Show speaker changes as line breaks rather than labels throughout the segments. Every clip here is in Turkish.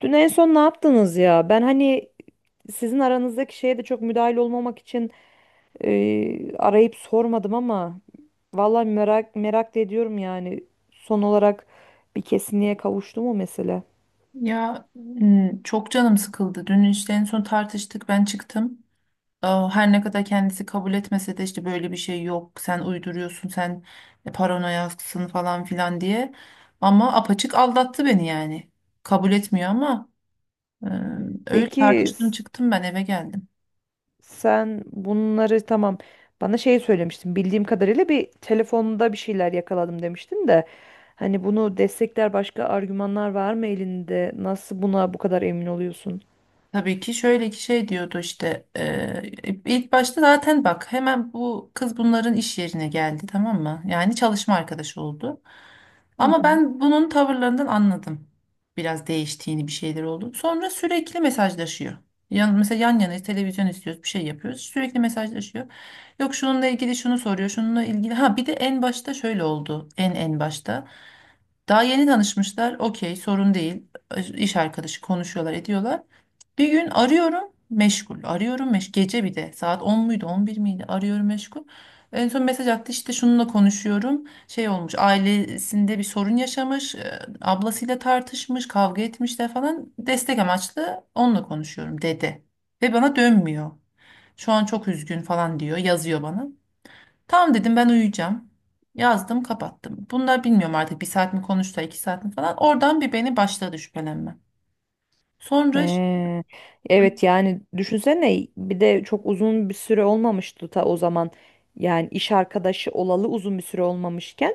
Dün en son ne yaptınız ya? Ben hani sizin aranızdaki şeye de çok müdahil olmamak için arayıp sormadım ama vallahi merak merak da ediyorum yani. Son olarak bir kesinliğe kavuştu mu mesele?
Ya çok canım sıkıldı. Dün işte en son tartıştık, ben çıktım. Her ne kadar kendisi kabul etmese de işte böyle bir şey yok, sen uyduruyorsun, sen paranoyaksın falan filan diye. Ama apaçık aldattı beni yani. Kabul etmiyor ama e, öyle
Peki
tartıştım, çıktım, ben eve geldim.
sen bunları, tamam, bana şey söylemiştin, bildiğim kadarıyla bir telefonda bir şeyler yakaladım demiştin de hani bunu destekler başka argümanlar var mı elinde? Nasıl buna bu kadar emin oluyorsun?
Tabii ki şöyle ki şey diyordu işte, ilk başta zaten bak, hemen bu kız bunların iş yerine geldi, tamam mı? Yani çalışma arkadaşı oldu.
Hı
Ama
hı.
ben bunun tavırlarından anladım. Biraz değiştiğini, bir şeyler oldu. Sonra sürekli mesajlaşıyor. Mesela yan yana televizyon izliyoruz, bir şey yapıyoruz, sürekli mesajlaşıyor. Yok, şununla ilgili şunu soruyor, şununla ilgili. Ha, bir de en başta şöyle oldu, en başta. Daha yeni tanışmışlar, okey, sorun değil, iş arkadaşı, konuşuyorlar ediyorlar. Bir gün arıyorum, meşgul. Arıyorum, meşgul. Gece bir de saat 10 muydu 11 miydi? Arıyorum, meşgul. En son mesaj attı işte, şununla konuşuyorum. Şey olmuş, ailesinde bir sorun yaşamış. Ablasıyla tartışmış, kavga etmişler falan. Destek amaçlı onunla konuşuyorum, dedi. Ve bana dönmüyor. Şu an çok üzgün falan, diyor, yazıyor bana. Tamam dedim, ben uyuyacağım. Yazdım, kapattım. Bunlar bilmiyorum artık, bir saat mi konuştu, iki saat mi falan. Oradan bir beni başladı şüphelenme. Sonra,
He. Evet yani düşünsene bir de çok uzun bir süre olmamıştı ta o zaman. Yani iş arkadaşı olalı uzun bir süre olmamışken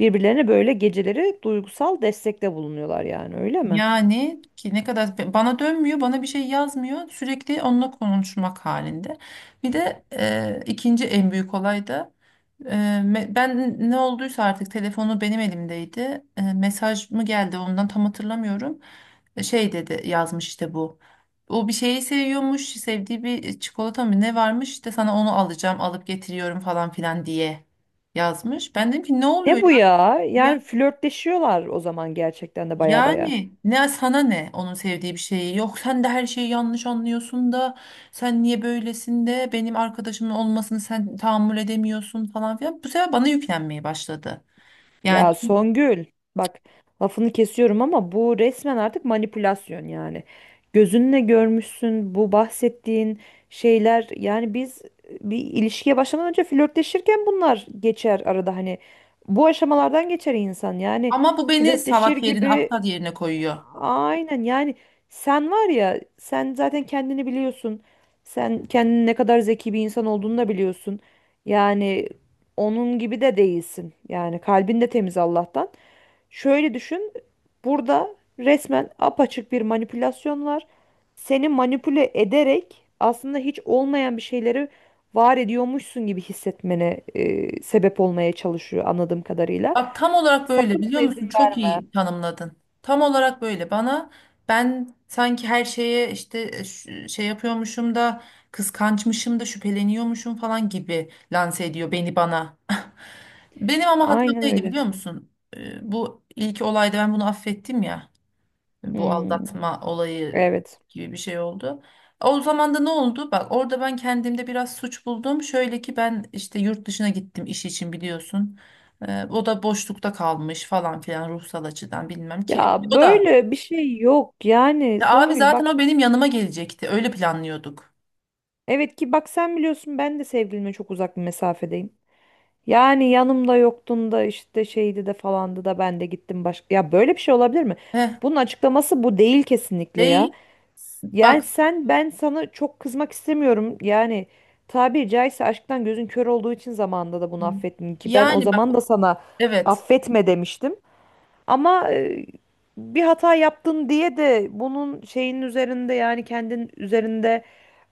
birbirlerine böyle geceleri duygusal destekte bulunuyorlar yani, öyle mi?
yani ki ne kadar bana dönmüyor, bana bir şey yazmıyor. Sürekli onunla konuşmak halinde. Bir de ikinci en büyük olay da, e, ben ne olduysa artık, telefonu benim elimdeydi. Mesaj mı geldi ondan, tam hatırlamıyorum. Şey dedi, yazmış işte bu. O bir şeyi seviyormuş, sevdiği bir çikolata mı ne varmış işte, sana onu alacağım, alıp getiriyorum falan filan diye yazmış. Ben dedim ki, ne
Ne
oluyor
bu ya?
ya?
Yani flörtleşiyorlar o zaman, gerçekten de baya baya.
Yani ne sana, ne onun sevdiği bir şeyi yok, sen de her şeyi yanlış anlıyorsun da, sen niye böylesin de, benim arkadaşımın olmasını sen tahammül edemiyorsun falan filan, bu sefer bana yüklenmeye başladı. Yani
Ya Songül, bak, lafını kesiyorum ama bu resmen artık manipülasyon yani. Gözünle görmüşsün bu bahsettiğin şeyler. Yani biz bir ilişkiye başlamadan önce flörtleşirken bunlar geçer arada, hani bu aşamalardan geçer insan, yani
ama bu beni
flörtleşir
salak yerine,
gibi.
aptal yerine koyuyor.
Aynen yani, sen var ya, sen zaten kendini biliyorsun. Sen kendini ne kadar zeki bir insan olduğunu da biliyorsun. Yani onun gibi de değilsin. Yani kalbin de temiz Allah'tan. Şöyle düşün. Burada resmen apaçık bir manipülasyon var. Seni manipüle ederek aslında hiç olmayan bir şeyleri var ediyormuşsun gibi hissetmene sebep olmaya çalışıyor anladığım kadarıyla.
Bak tam olarak böyle,
Sakın ona
biliyor
izin
musun? Çok
verme.
iyi tanımladın. Tam olarak böyle bana. Ben sanki her şeye işte şey yapıyormuşum da, kıskançmışım da, şüpheleniyormuşum falan gibi lanse ediyor beni, bana. Benim ama hatam
Aynen
neydi,
öyle.
biliyor musun? Bu ilk olayda ben bunu affettim ya. Hani bu
Hmm.
aldatma olayı
Evet.
gibi bir şey oldu. O zaman da ne oldu? Bak, orada ben kendimde biraz suç buldum. Şöyle ki, ben işte yurt dışına gittim iş için, biliyorsun. O da boşlukta kalmış falan filan, ruhsal açıdan bilmem ki.
Ya
O da
böyle bir şey yok. Yani
Ya abi
Songül
zaten
bak,
o benim yanıma gelecekti. Öyle planlıyorduk.
evet ki bak, sen biliyorsun ben de sevgilime çok uzak bir mesafedeyim. Yani yanımda yoktun da işte şeydi de falandı da ben de gittim başka. Ya böyle bir şey olabilir mi?
Heh,
Bunun açıklaması bu değil kesinlikle ya.
değil. Bak
Yani sen, ben sana çok kızmak istemiyorum. Yani tabiri caizse aşktan gözün kör olduğu için zamanında da bunu affettim ki ben o
yani, bak,
zaman da sana
evet.
affetme demiştim. Ama bir hata yaptın diye de bunun şeyin üzerinde, yani kendin üzerinde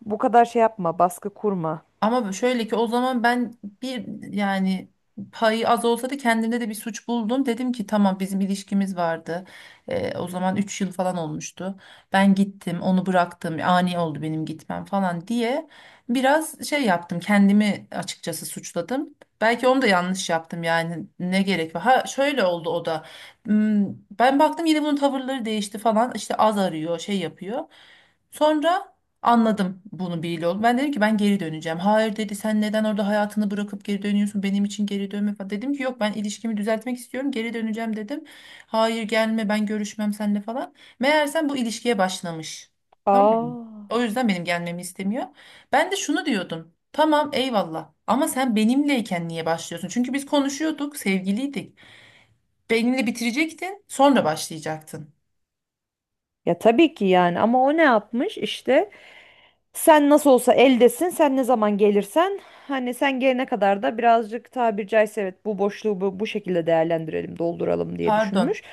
bu kadar şey yapma, baskı kurma.
Ama şöyle ki o zaman ben bir, yani payı az olsa da kendimde de bir suç buldum. Dedim ki tamam, bizim ilişkimiz vardı. O zaman 3 yıl falan olmuştu. Ben gittim, onu bıraktım, ani oldu benim gitmem falan diye biraz şey yaptım, kendimi açıkçası suçladım. Belki onu da yanlış yaptım, yani ne gerek var. Ha, şöyle oldu o da. Hmm, Ben baktım yine bunun tavırları değişti falan, işte az arıyor, şey yapıyor. Sonra anladım bunu bir yol. Ben dedim ki, ben geri döneceğim. Hayır dedi, sen neden orada hayatını bırakıp geri dönüyorsun? Benim için geri dönme falan. Dedim ki, yok, ben ilişkimi düzeltmek istiyorum. Geri döneceğim, dedim. Hayır, gelme, ben görüşmem seninle falan. Meğersem bu ilişkiye başlamış. Tamam mı?
Aa.
O yüzden benim gelmemi istemiyor. Ben de şunu diyordum. Tamam, eyvallah, ama sen benimleyken niye başlıyorsun? Çünkü biz konuşuyorduk, sevgiliydik. Benimle bitirecektin, sonra başlayacaktın.
Ya tabii ki yani, ama o ne yapmış işte, sen nasıl olsa eldesin, sen ne zaman gelirsen, hani sen gelene kadar da birazcık tabiri caizse, evet, bu boşluğu bu, bu şekilde değerlendirelim, dolduralım diye
Pardon.
düşünmüş.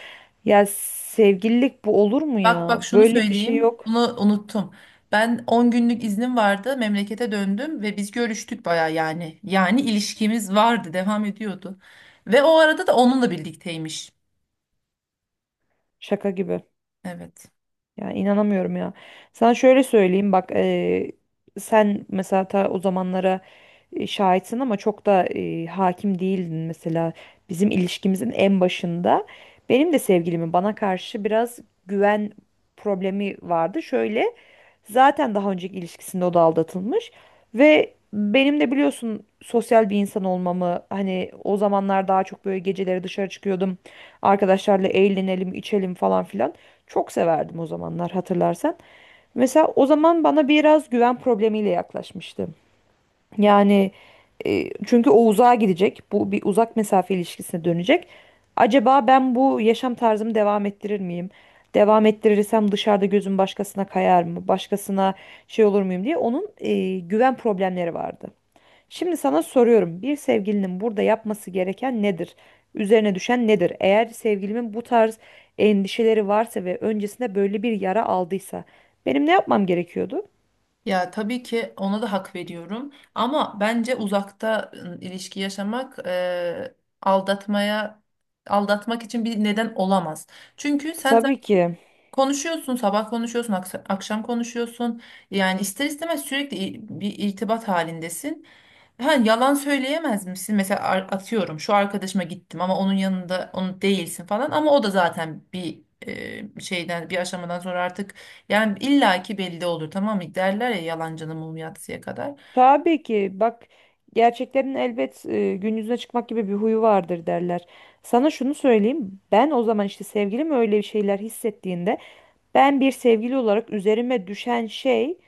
Ya sevgililik bu olur mu
Bak
ya?
bak, şunu
Böyle bir şey
söyleyeyim.
yok.
Bunu unuttum. Ben 10 günlük iznim vardı. Memlekete döndüm ve biz görüştük baya yani. Yani ilişkimiz vardı, devam ediyordu. Ve o arada da onunla birlikteymiş.
Şaka gibi.
Evet.
Ya inanamıyorum ya. Sana şöyle söyleyeyim bak, sen mesela ta o zamanlara şahitsin ama çok da hakim değildin mesela bizim ilişkimizin en başında. Benim de sevgilimin bana karşı biraz güven problemi vardı. Şöyle, zaten daha önceki ilişkisinde o da aldatılmış ve benim de biliyorsun sosyal bir insan olmamı, hani o zamanlar daha çok böyle geceleri dışarı çıkıyordum. Arkadaşlarla eğlenelim, içelim falan filan. Çok severdim o zamanlar hatırlarsan. Mesela o zaman bana biraz güven problemiyle yaklaşmıştı. Yani çünkü o uzağa gidecek. Bu bir uzak mesafe ilişkisine dönecek. Acaba ben bu yaşam tarzımı devam ettirir miyim? Devam ettirirsem dışarıda gözüm başkasına kayar mı? Başkasına şey olur muyum diye onun güven problemleri vardı. Şimdi sana soruyorum. Bir sevgilinin burada yapması gereken nedir? Üzerine düşen nedir? Eğer sevgilimin bu tarz endişeleri varsa ve öncesinde böyle bir yara aldıysa benim ne yapmam gerekiyordu?
Ya tabii ki ona da hak veriyorum. Ama bence uzakta ilişki yaşamak, aldatmaya aldatmak için bir neden olamaz. Çünkü sen
Tabii ki.
konuşuyorsun, sabah konuşuyorsun, akşam konuşuyorsun. Yani ister istemez sürekli bir irtibat halindesin. Ha, yalan söyleyemez misin? Mesela, atıyorum, şu arkadaşıma gittim ama onun yanında onu değilsin falan, ama o da zaten bir şeyden, bir aşamadan sonra artık yani illaki belli olur, tamam mı? Derler ya, yalancının mumu yatsıya kadar.
Tabii ki bak, gerçeklerin elbet gün yüzüne çıkmak gibi bir huyu vardır derler. Sana şunu söyleyeyim, ben o zaman işte sevgilim öyle bir şeyler hissettiğinde ben bir sevgili olarak üzerime düşen şey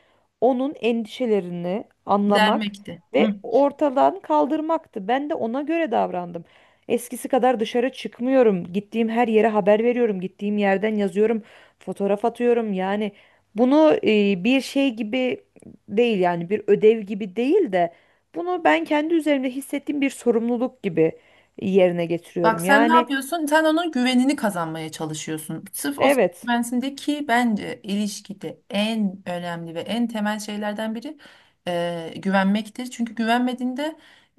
onun endişelerini anlamak
Dermekti.
ve ortadan kaldırmaktı. Ben de ona göre davrandım. Eskisi kadar dışarı çıkmıyorum. Gittiğim her yere haber veriyorum. Gittiğim yerden yazıyorum. Fotoğraf atıyorum. Yani bunu bir şey gibi değil, yani bir ödev gibi değil de bunu ben kendi üzerimde hissettiğim bir sorumluluk gibi yerine
Bak,
getiriyorum.
sen ne
Yani
yapıyorsun? Sen onun güvenini kazanmaya çalışıyorsun. Sırf o sana
evet.
güvensin de, ki bence ilişkide en önemli ve en temel şeylerden biri güvenmektir. Çünkü güvenmediğinde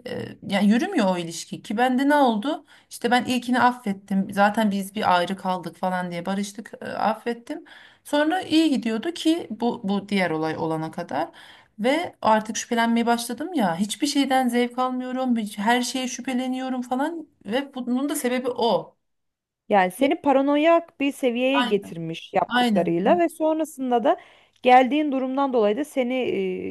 e, yani yürümüyor o ilişki, ki bende ne oldu? İşte ben ilkini affettim. Zaten biz bir ayrı kaldık falan diye barıştık, affettim. Sonra iyi gidiyordu ki bu diğer olay olana kadar. Ve artık şüphelenmeye başladım ya. Hiçbir şeyden zevk almıyorum. Her şeye şüpheleniyorum falan. Ve bunun da sebebi o.
Yani
Ve
seni paranoyak bir seviyeye
Aynen.
getirmiş
Aynen.
yaptıklarıyla ve sonrasında da geldiğin durumdan dolayı da seni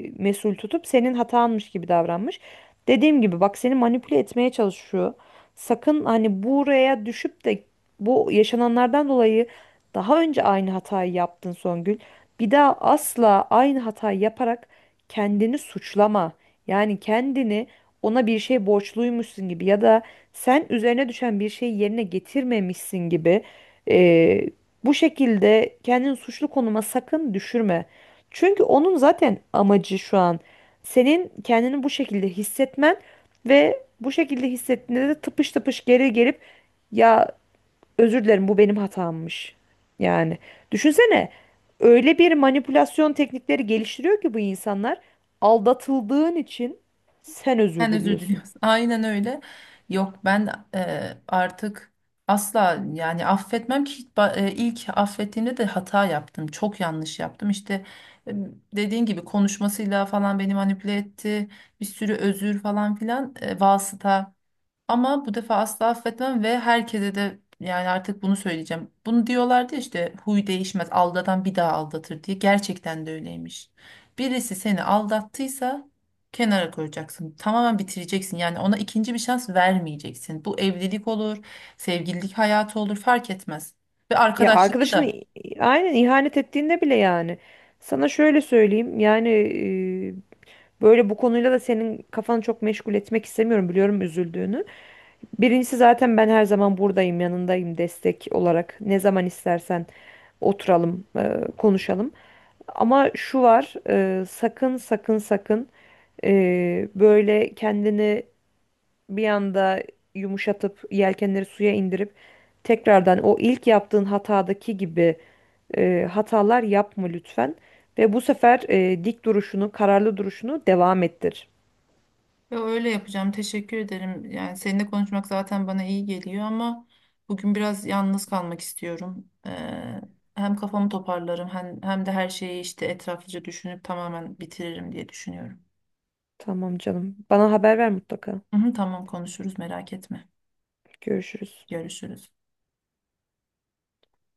mesul tutup senin hatanmış gibi davranmış. Dediğim gibi bak, seni manipüle etmeye çalışıyor. Sakın hani buraya düşüp de bu yaşananlardan dolayı, daha önce aynı hatayı yaptın Songül. Bir daha asla aynı hatayı yaparak kendini suçlama. Yani kendini ona bir şey borçluymuşsun gibi ya da sen üzerine düşen bir şeyi yerine getirmemişsin gibi, e, bu şekilde kendini suçlu konuma sakın düşürme. Çünkü onun zaten amacı şu an senin kendini bu şekilde hissetmen ve bu şekilde hissettiğinde de tıpış tıpış geri gelip ya özür dilerim bu benim hatammış. Yani düşünsene, öyle bir manipülasyon teknikleri geliştiriyor ki bu insanlar, aldatıldığın için sen özür
Sen özür
diliyorsun.
diliyorsun. Aynen öyle. Yok, ben artık asla yani affetmem ki, ilk affettiğimde de hata yaptım. Çok yanlış yaptım. İşte, e, dediğin gibi konuşmasıyla falan beni manipüle etti. Bir sürü özür falan filan, vasıta. Ama bu defa asla affetmem ve herkese de yani artık bunu söyleyeceğim. Bunu diyorlardı ya işte, huy değişmez, aldatan bir daha aldatır diye. Gerçekten de öyleymiş. Birisi seni aldattıysa kenara koyacaksın. Tamamen bitireceksin. Yani ona ikinci bir şans vermeyeceksin. Bu evlilik olur, sevgililik hayatı olur, fark etmez. Ve
Ya
arkadaşlıkta
arkadaşını
da.
aynen ihanet ettiğinde bile yani. Sana şöyle söyleyeyim yani, böyle bu konuyla da senin kafanı çok meşgul etmek istemiyorum, biliyorum üzüldüğünü. Birincisi zaten ben her zaman buradayım, yanındayım, destek olarak ne zaman istersen oturalım, konuşalım. Ama şu var, sakın sakın sakın, böyle kendini bir anda yumuşatıp yelkenleri suya indirip tekrardan o ilk yaptığın hatadaki gibi hatalar yapma lütfen. Ve bu sefer dik duruşunu, kararlı duruşunu devam ettir.
Ya, öyle yapacağım. Teşekkür ederim. Yani seninle konuşmak zaten bana iyi geliyor ama bugün biraz yalnız kalmak istiyorum. Hem kafamı toparlarım, hem, hem de her şeyi işte etraflıca düşünüp tamamen bitiririm diye düşünüyorum.
Tamam canım. Bana haber ver mutlaka.
Hı hı, tamam, konuşuruz, merak etme.
Görüşürüz.
Görüşürüz.